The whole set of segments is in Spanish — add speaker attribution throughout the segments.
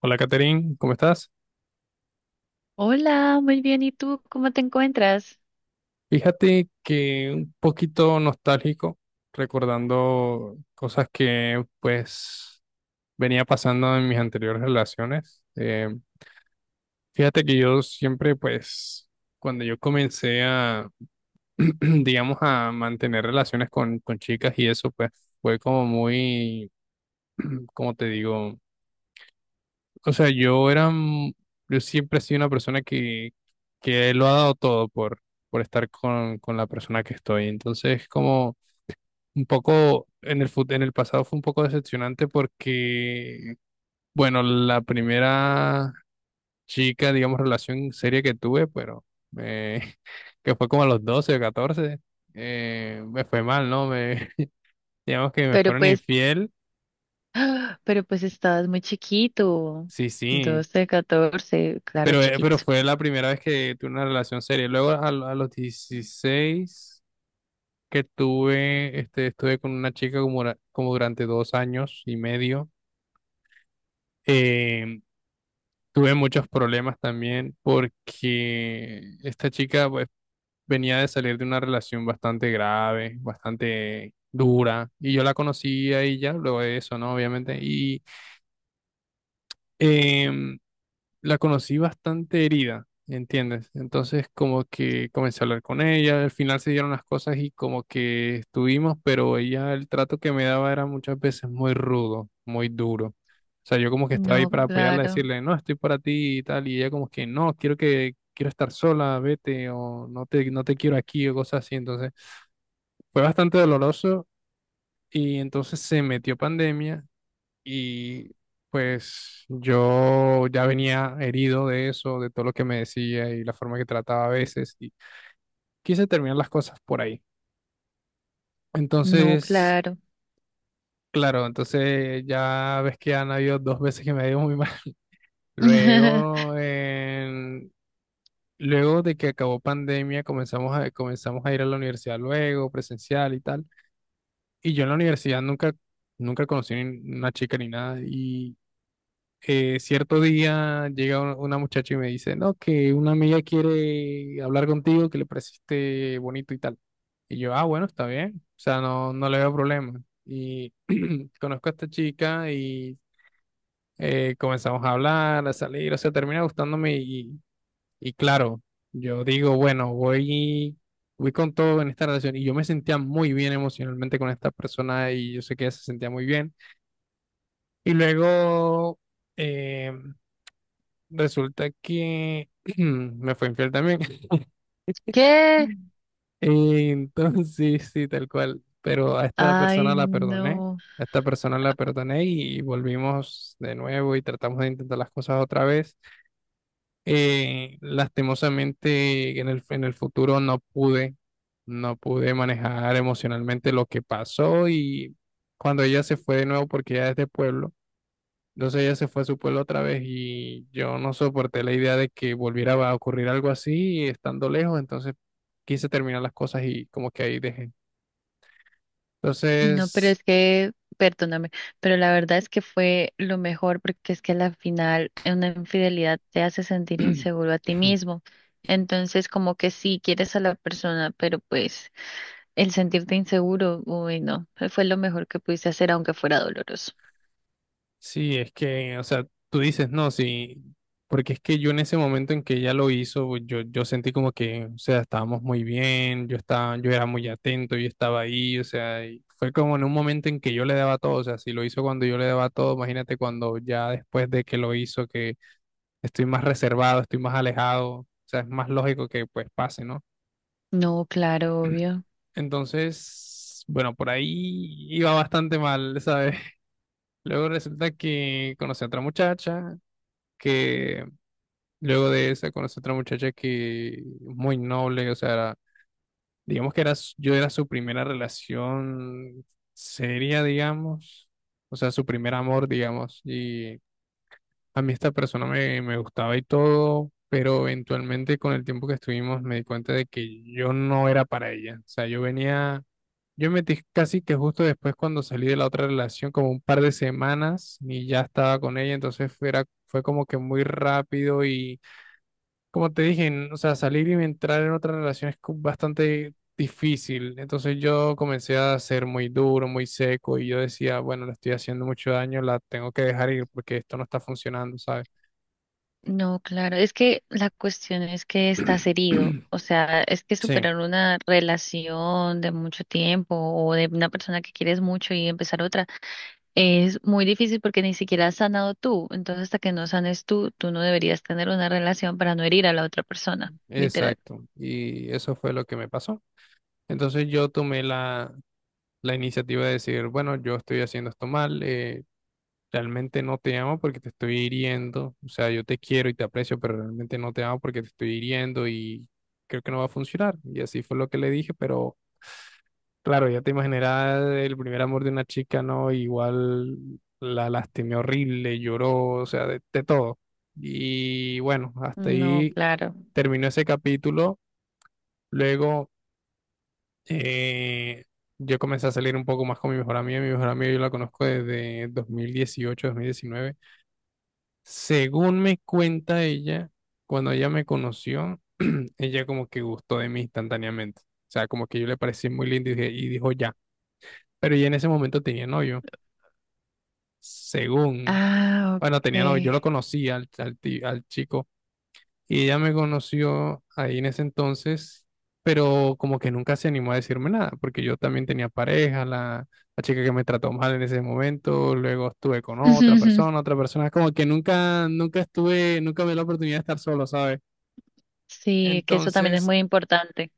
Speaker 1: Hola, Catherine, ¿cómo estás?
Speaker 2: Hola, muy bien. ¿Y tú cómo te encuentras?
Speaker 1: Fíjate que un poquito nostálgico, recordando cosas que pues venía pasando en mis anteriores relaciones. Fíjate que yo siempre pues cuando yo comencé a, digamos, a mantener relaciones con chicas y eso pues fue como muy, como te digo? O sea, yo era, yo siempre he sido una persona que lo ha dado todo por estar con la persona que estoy. Entonces, como un poco en el pasado fue un poco decepcionante porque, bueno, la primera chica, digamos, relación seria que tuve, pero eh, que fue como a los 12 o 14. Me fue mal, ¿no? Me, digamos que me
Speaker 2: Pero
Speaker 1: fueron
Speaker 2: pues,
Speaker 1: infiel.
Speaker 2: pero pues estabas muy chiquito.
Speaker 1: Sí, sí.
Speaker 2: Doce, 14, claro,
Speaker 1: Pero
Speaker 2: chiquito.
Speaker 1: fue la primera vez que tuve una relación seria. Luego a los 16 que tuve, estuve con una chica como, como durante 2 años y medio. Eh, Tuve muchos problemas también porque esta chica pues, venía de salir de una relación bastante grave, bastante dura. Y yo la conocí a ella luego de eso, ¿no? Obviamente. Em, la conocí bastante herida, ¿entiendes? Entonces como que comencé a hablar con ella, al final se dieron las cosas y como que estuvimos, pero ella el trato que me daba era muchas veces muy rudo, muy duro. O sea, yo como que estaba ahí
Speaker 2: No,
Speaker 1: para apoyarla,
Speaker 2: claro.
Speaker 1: decirle, no, estoy para ti y tal, y ella como que, no, quiero que, quiero estar sola, vete, o no te quiero aquí, o cosas así. Entonces fue bastante doloroso y entonces se metió pandemia y pues yo ya venía herido de eso, de todo lo que me decía y la forma que trataba a veces, y quise terminar las cosas por ahí.
Speaker 2: No,
Speaker 1: Entonces,
Speaker 2: claro.
Speaker 1: claro, entonces ya ves que han habido dos veces que me ha ido muy mal. Luego, en- Luego de que acabó pandemia, comenzamos a ir a la universidad luego, presencial y tal. Y yo en la universidad nunca, nunca conocí ni una chica ni nada, y cierto día llega una muchacha y me dice, no, que una amiga quiere hablar contigo, que le pareciste bonito y tal. Y yo, ah, bueno, está bien. O sea, no, no le veo problema. Y conozco a esta chica y comenzamos a hablar, a salir, o sea, termina gustándome y claro, yo digo, bueno, voy con todo en esta relación y yo me sentía muy bien emocionalmente con esta persona y yo sé que ella se sentía muy bien. Y luego... em, Resulta que me fue infiel también.
Speaker 2: ¿Qué?
Speaker 1: Entonces, sí, sí, tal cual. Pero a esta
Speaker 2: Ay,
Speaker 1: persona la perdoné.
Speaker 2: no.
Speaker 1: A esta persona la perdoné y volvimos de nuevo y tratamos de intentar las cosas otra vez. Lastimosamente, en el futuro no pude, no pude manejar emocionalmente lo que pasó y cuando ella se fue de nuevo, porque ella es de pueblo. Entonces ella se fue a su pueblo otra vez y yo no soporté la idea de que volviera a ocurrir algo así estando lejos, entonces quise terminar las cosas y como que ahí dejé.
Speaker 2: No, pero
Speaker 1: Entonces,
Speaker 2: es que, perdóname, pero la verdad es que fue lo mejor porque es que a la final una infidelidad te hace sentir inseguro a ti mismo. Entonces, como que sí, quieres a la persona, pero pues... El sentirte inseguro, uy, no, fue lo mejor que pudiste hacer, aunque fuera doloroso.
Speaker 1: sí, es que, o sea, tú dices no, sí, porque es que yo en ese momento en que ella lo hizo, pues, yo sentí como que, o sea, estábamos muy bien, yo estaba, yo era muy atento, yo estaba ahí, o sea, y fue como en un momento en que yo le daba todo, o sea, si lo hizo cuando yo le daba todo, imagínate cuando ya después de que lo hizo, que estoy más reservado, estoy más alejado, o sea, es más lógico que pues pase, ¿no?
Speaker 2: No, claro, obvio.
Speaker 1: Entonces, bueno, por ahí iba bastante mal, ¿sabes? Luego resulta que conocí a otra muchacha, que luego de esa conocí a otra muchacha que muy noble, o sea, digamos que yo era su primera relación seria, digamos, o sea, su primer amor, digamos, y a mí esta persona me gustaba y todo, pero eventualmente con el tiempo que estuvimos me di cuenta de que yo no era para ella. O sea, yo venía, yo me metí casi que justo después cuando salí de la otra relación, como un par de semanas y ya estaba con ella, entonces fue como que muy rápido y como te dije, o sea, salir y entrar en otra relación es bastante difícil. Entonces yo comencé a ser muy duro, muy seco y yo decía, bueno, le estoy haciendo mucho daño, la tengo que dejar ir porque esto no está funcionando, ¿sabes?
Speaker 2: No, claro. Es que la cuestión es que estás herido. O sea, es que
Speaker 1: Sí,
Speaker 2: superar una relación de mucho tiempo o de una persona que quieres mucho y empezar otra es muy difícil porque ni siquiera has sanado tú. Entonces, hasta que no sanes tú, tú no deberías tener una relación para no herir a la otra persona, literal.
Speaker 1: exacto. Y eso fue lo que me pasó. Entonces yo tomé la iniciativa de decir, bueno, yo estoy haciendo esto mal, realmente no te amo porque te estoy hiriendo. O sea, yo te quiero y te aprecio, pero realmente no te amo porque te estoy hiriendo y creo que no va a funcionar. Y así fue lo que le dije, pero claro, ya te imaginarás el primer amor de una chica, ¿no? Igual la lastimé horrible, lloró, o sea, de todo. Y bueno, hasta
Speaker 2: No,
Speaker 1: ahí
Speaker 2: claro.
Speaker 1: terminó ese capítulo. Luego, eh, yo comencé a salir un poco más con mi mejor amiga. Mi mejor amiga yo la conozco desde 2018, 2019. Según me cuenta ella, cuando ella me conoció, ella como que gustó de mí instantáneamente. O sea, como que yo le parecí muy lindo y, y dijo ya. Pero ella en ese momento tenía novio. Según,
Speaker 2: Ah,
Speaker 1: bueno, tenía novio. Yo
Speaker 2: ok.
Speaker 1: lo conocí al chico. Y ella me conoció ahí en ese entonces, pero como que nunca se animó a decirme nada, porque yo también tenía pareja, la chica que me trató mal en ese momento, luego estuve con otra persona, como que nunca, nunca estuve, nunca me dio la oportunidad de estar solo, ¿sabes?
Speaker 2: Sí, que eso también es
Speaker 1: Entonces,
Speaker 2: muy importante.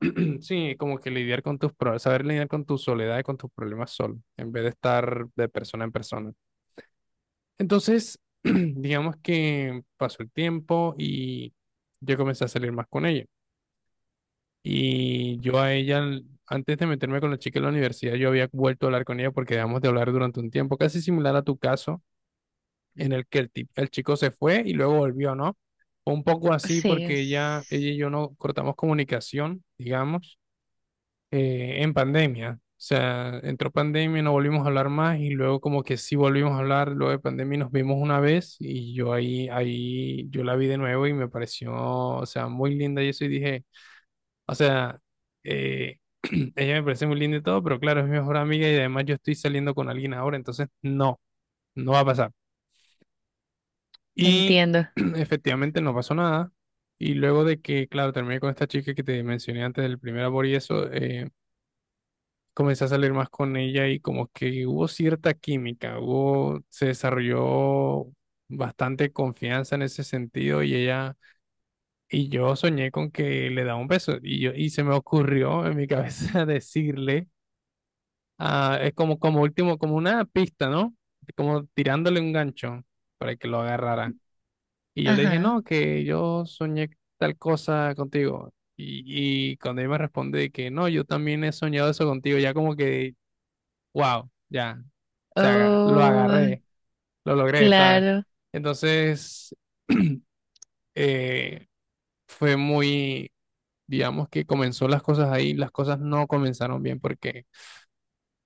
Speaker 1: sí, como que lidiar con tus problemas, saber lidiar con tu soledad y con tus problemas solo, en vez de estar de persona en persona. Entonces, digamos que pasó el tiempo y yo comencé a salir más con ella. Y yo a ella, antes de meterme con la chica en la universidad, yo había vuelto a hablar con ella porque dejamos de hablar durante un tiempo, casi similar a tu caso, en el que el chico se fue y luego volvió, ¿no? Fue un poco así
Speaker 2: Sí,
Speaker 1: porque ella y yo no cortamos comunicación, digamos, en pandemia. O sea, entró pandemia, no volvimos a hablar más y luego como que sí volvimos a hablar, luego de pandemia nos vimos una vez y yo ahí, yo la vi de nuevo y me pareció, o sea, muy linda y eso y dije... O sea, eh, ella me parece muy linda y todo, pero claro, es mi mejor amiga y además yo estoy saliendo con alguien ahora, entonces no, no va a pasar. Y
Speaker 2: entiendo.
Speaker 1: efectivamente no pasó nada. Y luego de que, claro, terminé con esta chica que te mencioné antes del primer amor y eso, comencé a salir más con ella y como que hubo cierta química, hubo, se desarrolló bastante confianza en ese sentido y ella... Y yo soñé con que le daba un beso y, yo, y se me ocurrió en mi cabeza decirle, ah, es como, como último, como una pista, ¿no? Como tirándole un gancho para que lo agarrara. Y yo le dije,
Speaker 2: Ajá.
Speaker 1: no, que yo soñé tal cosa contigo. Y cuando él me responde que no, yo también he soñado eso contigo, ya como que, wow, ya, o sea, lo
Speaker 2: Oh,
Speaker 1: agarré, lo logré, ¿sabes?
Speaker 2: claro.
Speaker 1: Entonces, eh, fue muy, digamos que comenzó las cosas ahí, las cosas no comenzaron bien porque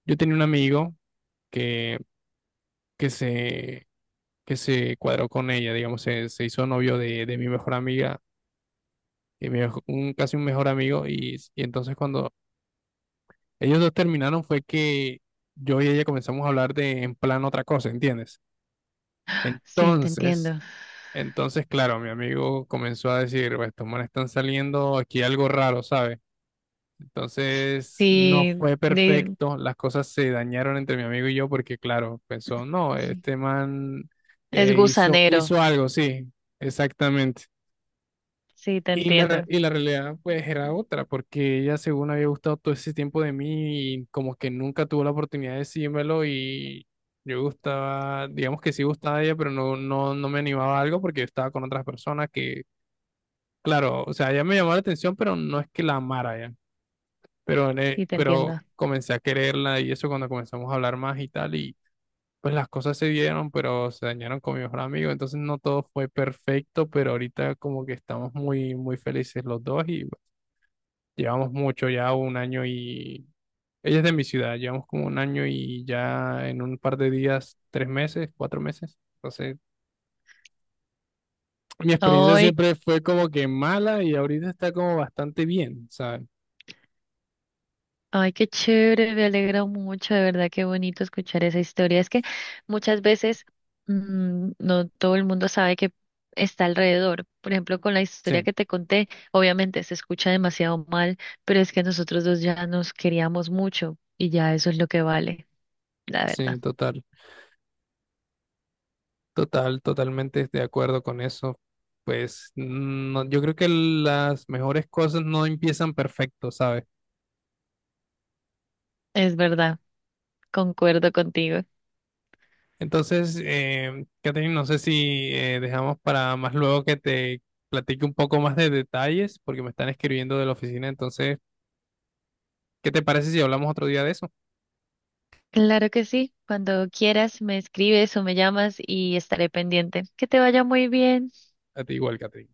Speaker 1: yo tenía un amigo que, que se que se cuadró con ella, digamos, se hizo novio de mi mejor amiga, un, casi un mejor amigo, y entonces cuando ellos dos terminaron fue que yo y ella comenzamos a hablar de en plan otra cosa, ¿entiendes?
Speaker 2: Sí, te
Speaker 1: Entonces,
Speaker 2: entiendo.
Speaker 1: entonces, claro, mi amigo comenzó a decir, pues estos manes están saliendo aquí algo raro, ¿sabes? Entonces, no
Speaker 2: Sí,
Speaker 1: fue
Speaker 2: de-
Speaker 1: perfecto, las cosas se dañaron entre mi amigo y yo porque, claro, pensó, no, este man
Speaker 2: es gusanero.
Speaker 1: hizo algo, sí, exactamente.
Speaker 2: Sí, te
Speaker 1: Y
Speaker 2: entiendo.
Speaker 1: y la realidad pues era otra, porque ella según había gustado todo ese tiempo de mí y como que nunca tuvo la oportunidad de decírmelo y yo gustaba, digamos que sí gustaba de ella, pero no me animaba a algo porque yo estaba con otras personas que, claro, o sea, ella me llamó la atención, pero no es que la amara ya, pero,
Speaker 2: Sí, te
Speaker 1: pero
Speaker 2: entiendo.
Speaker 1: comencé a quererla y eso cuando comenzamos a hablar más y tal y pues las cosas se dieron, pero se dañaron con mi mejor amigo, entonces no todo fue perfecto, pero ahorita como que estamos muy, muy felices los dos y... Llevamos mucho, ya un año y... Ella es de mi ciudad, llevamos como un año y ya en un par de días, tres meses, cuatro meses. Entonces, mi experiencia
Speaker 2: Oh.
Speaker 1: siempre fue como que mala y ahorita está como bastante bien, ¿sabes?
Speaker 2: Ay, qué chévere, me alegra mucho, de verdad, qué bonito escuchar esa historia. Es que muchas veces no todo el mundo sabe que está alrededor. Por ejemplo, con la historia
Speaker 1: Sí,
Speaker 2: que te conté, obviamente se escucha demasiado mal, pero es que nosotros dos ya nos queríamos mucho y ya eso es lo que vale, la
Speaker 1: sí,
Speaker 2: verdad.
Speaker 1: total, total, totalmente de acuerdo con eso. Pues no, yo creo que las mejores cosas no empiezan perfecto, ¿sabes?
Speaker 2: Es verdad, concuerdo contigo.
Speaker 1: Entonces, Catherine, no sé si dejamos para más luego que te platique un poco más de detalles, porque me están escribiendo de la oficina. Entonces, ¿qué te parece si hablamos otro día de eso?
Speaker 2: Claro que sí, cuando quieras me escribes o me llamas y estaré pendiente. Que te vaya muy bien.
Speaker 1: A ti igual, Catherine.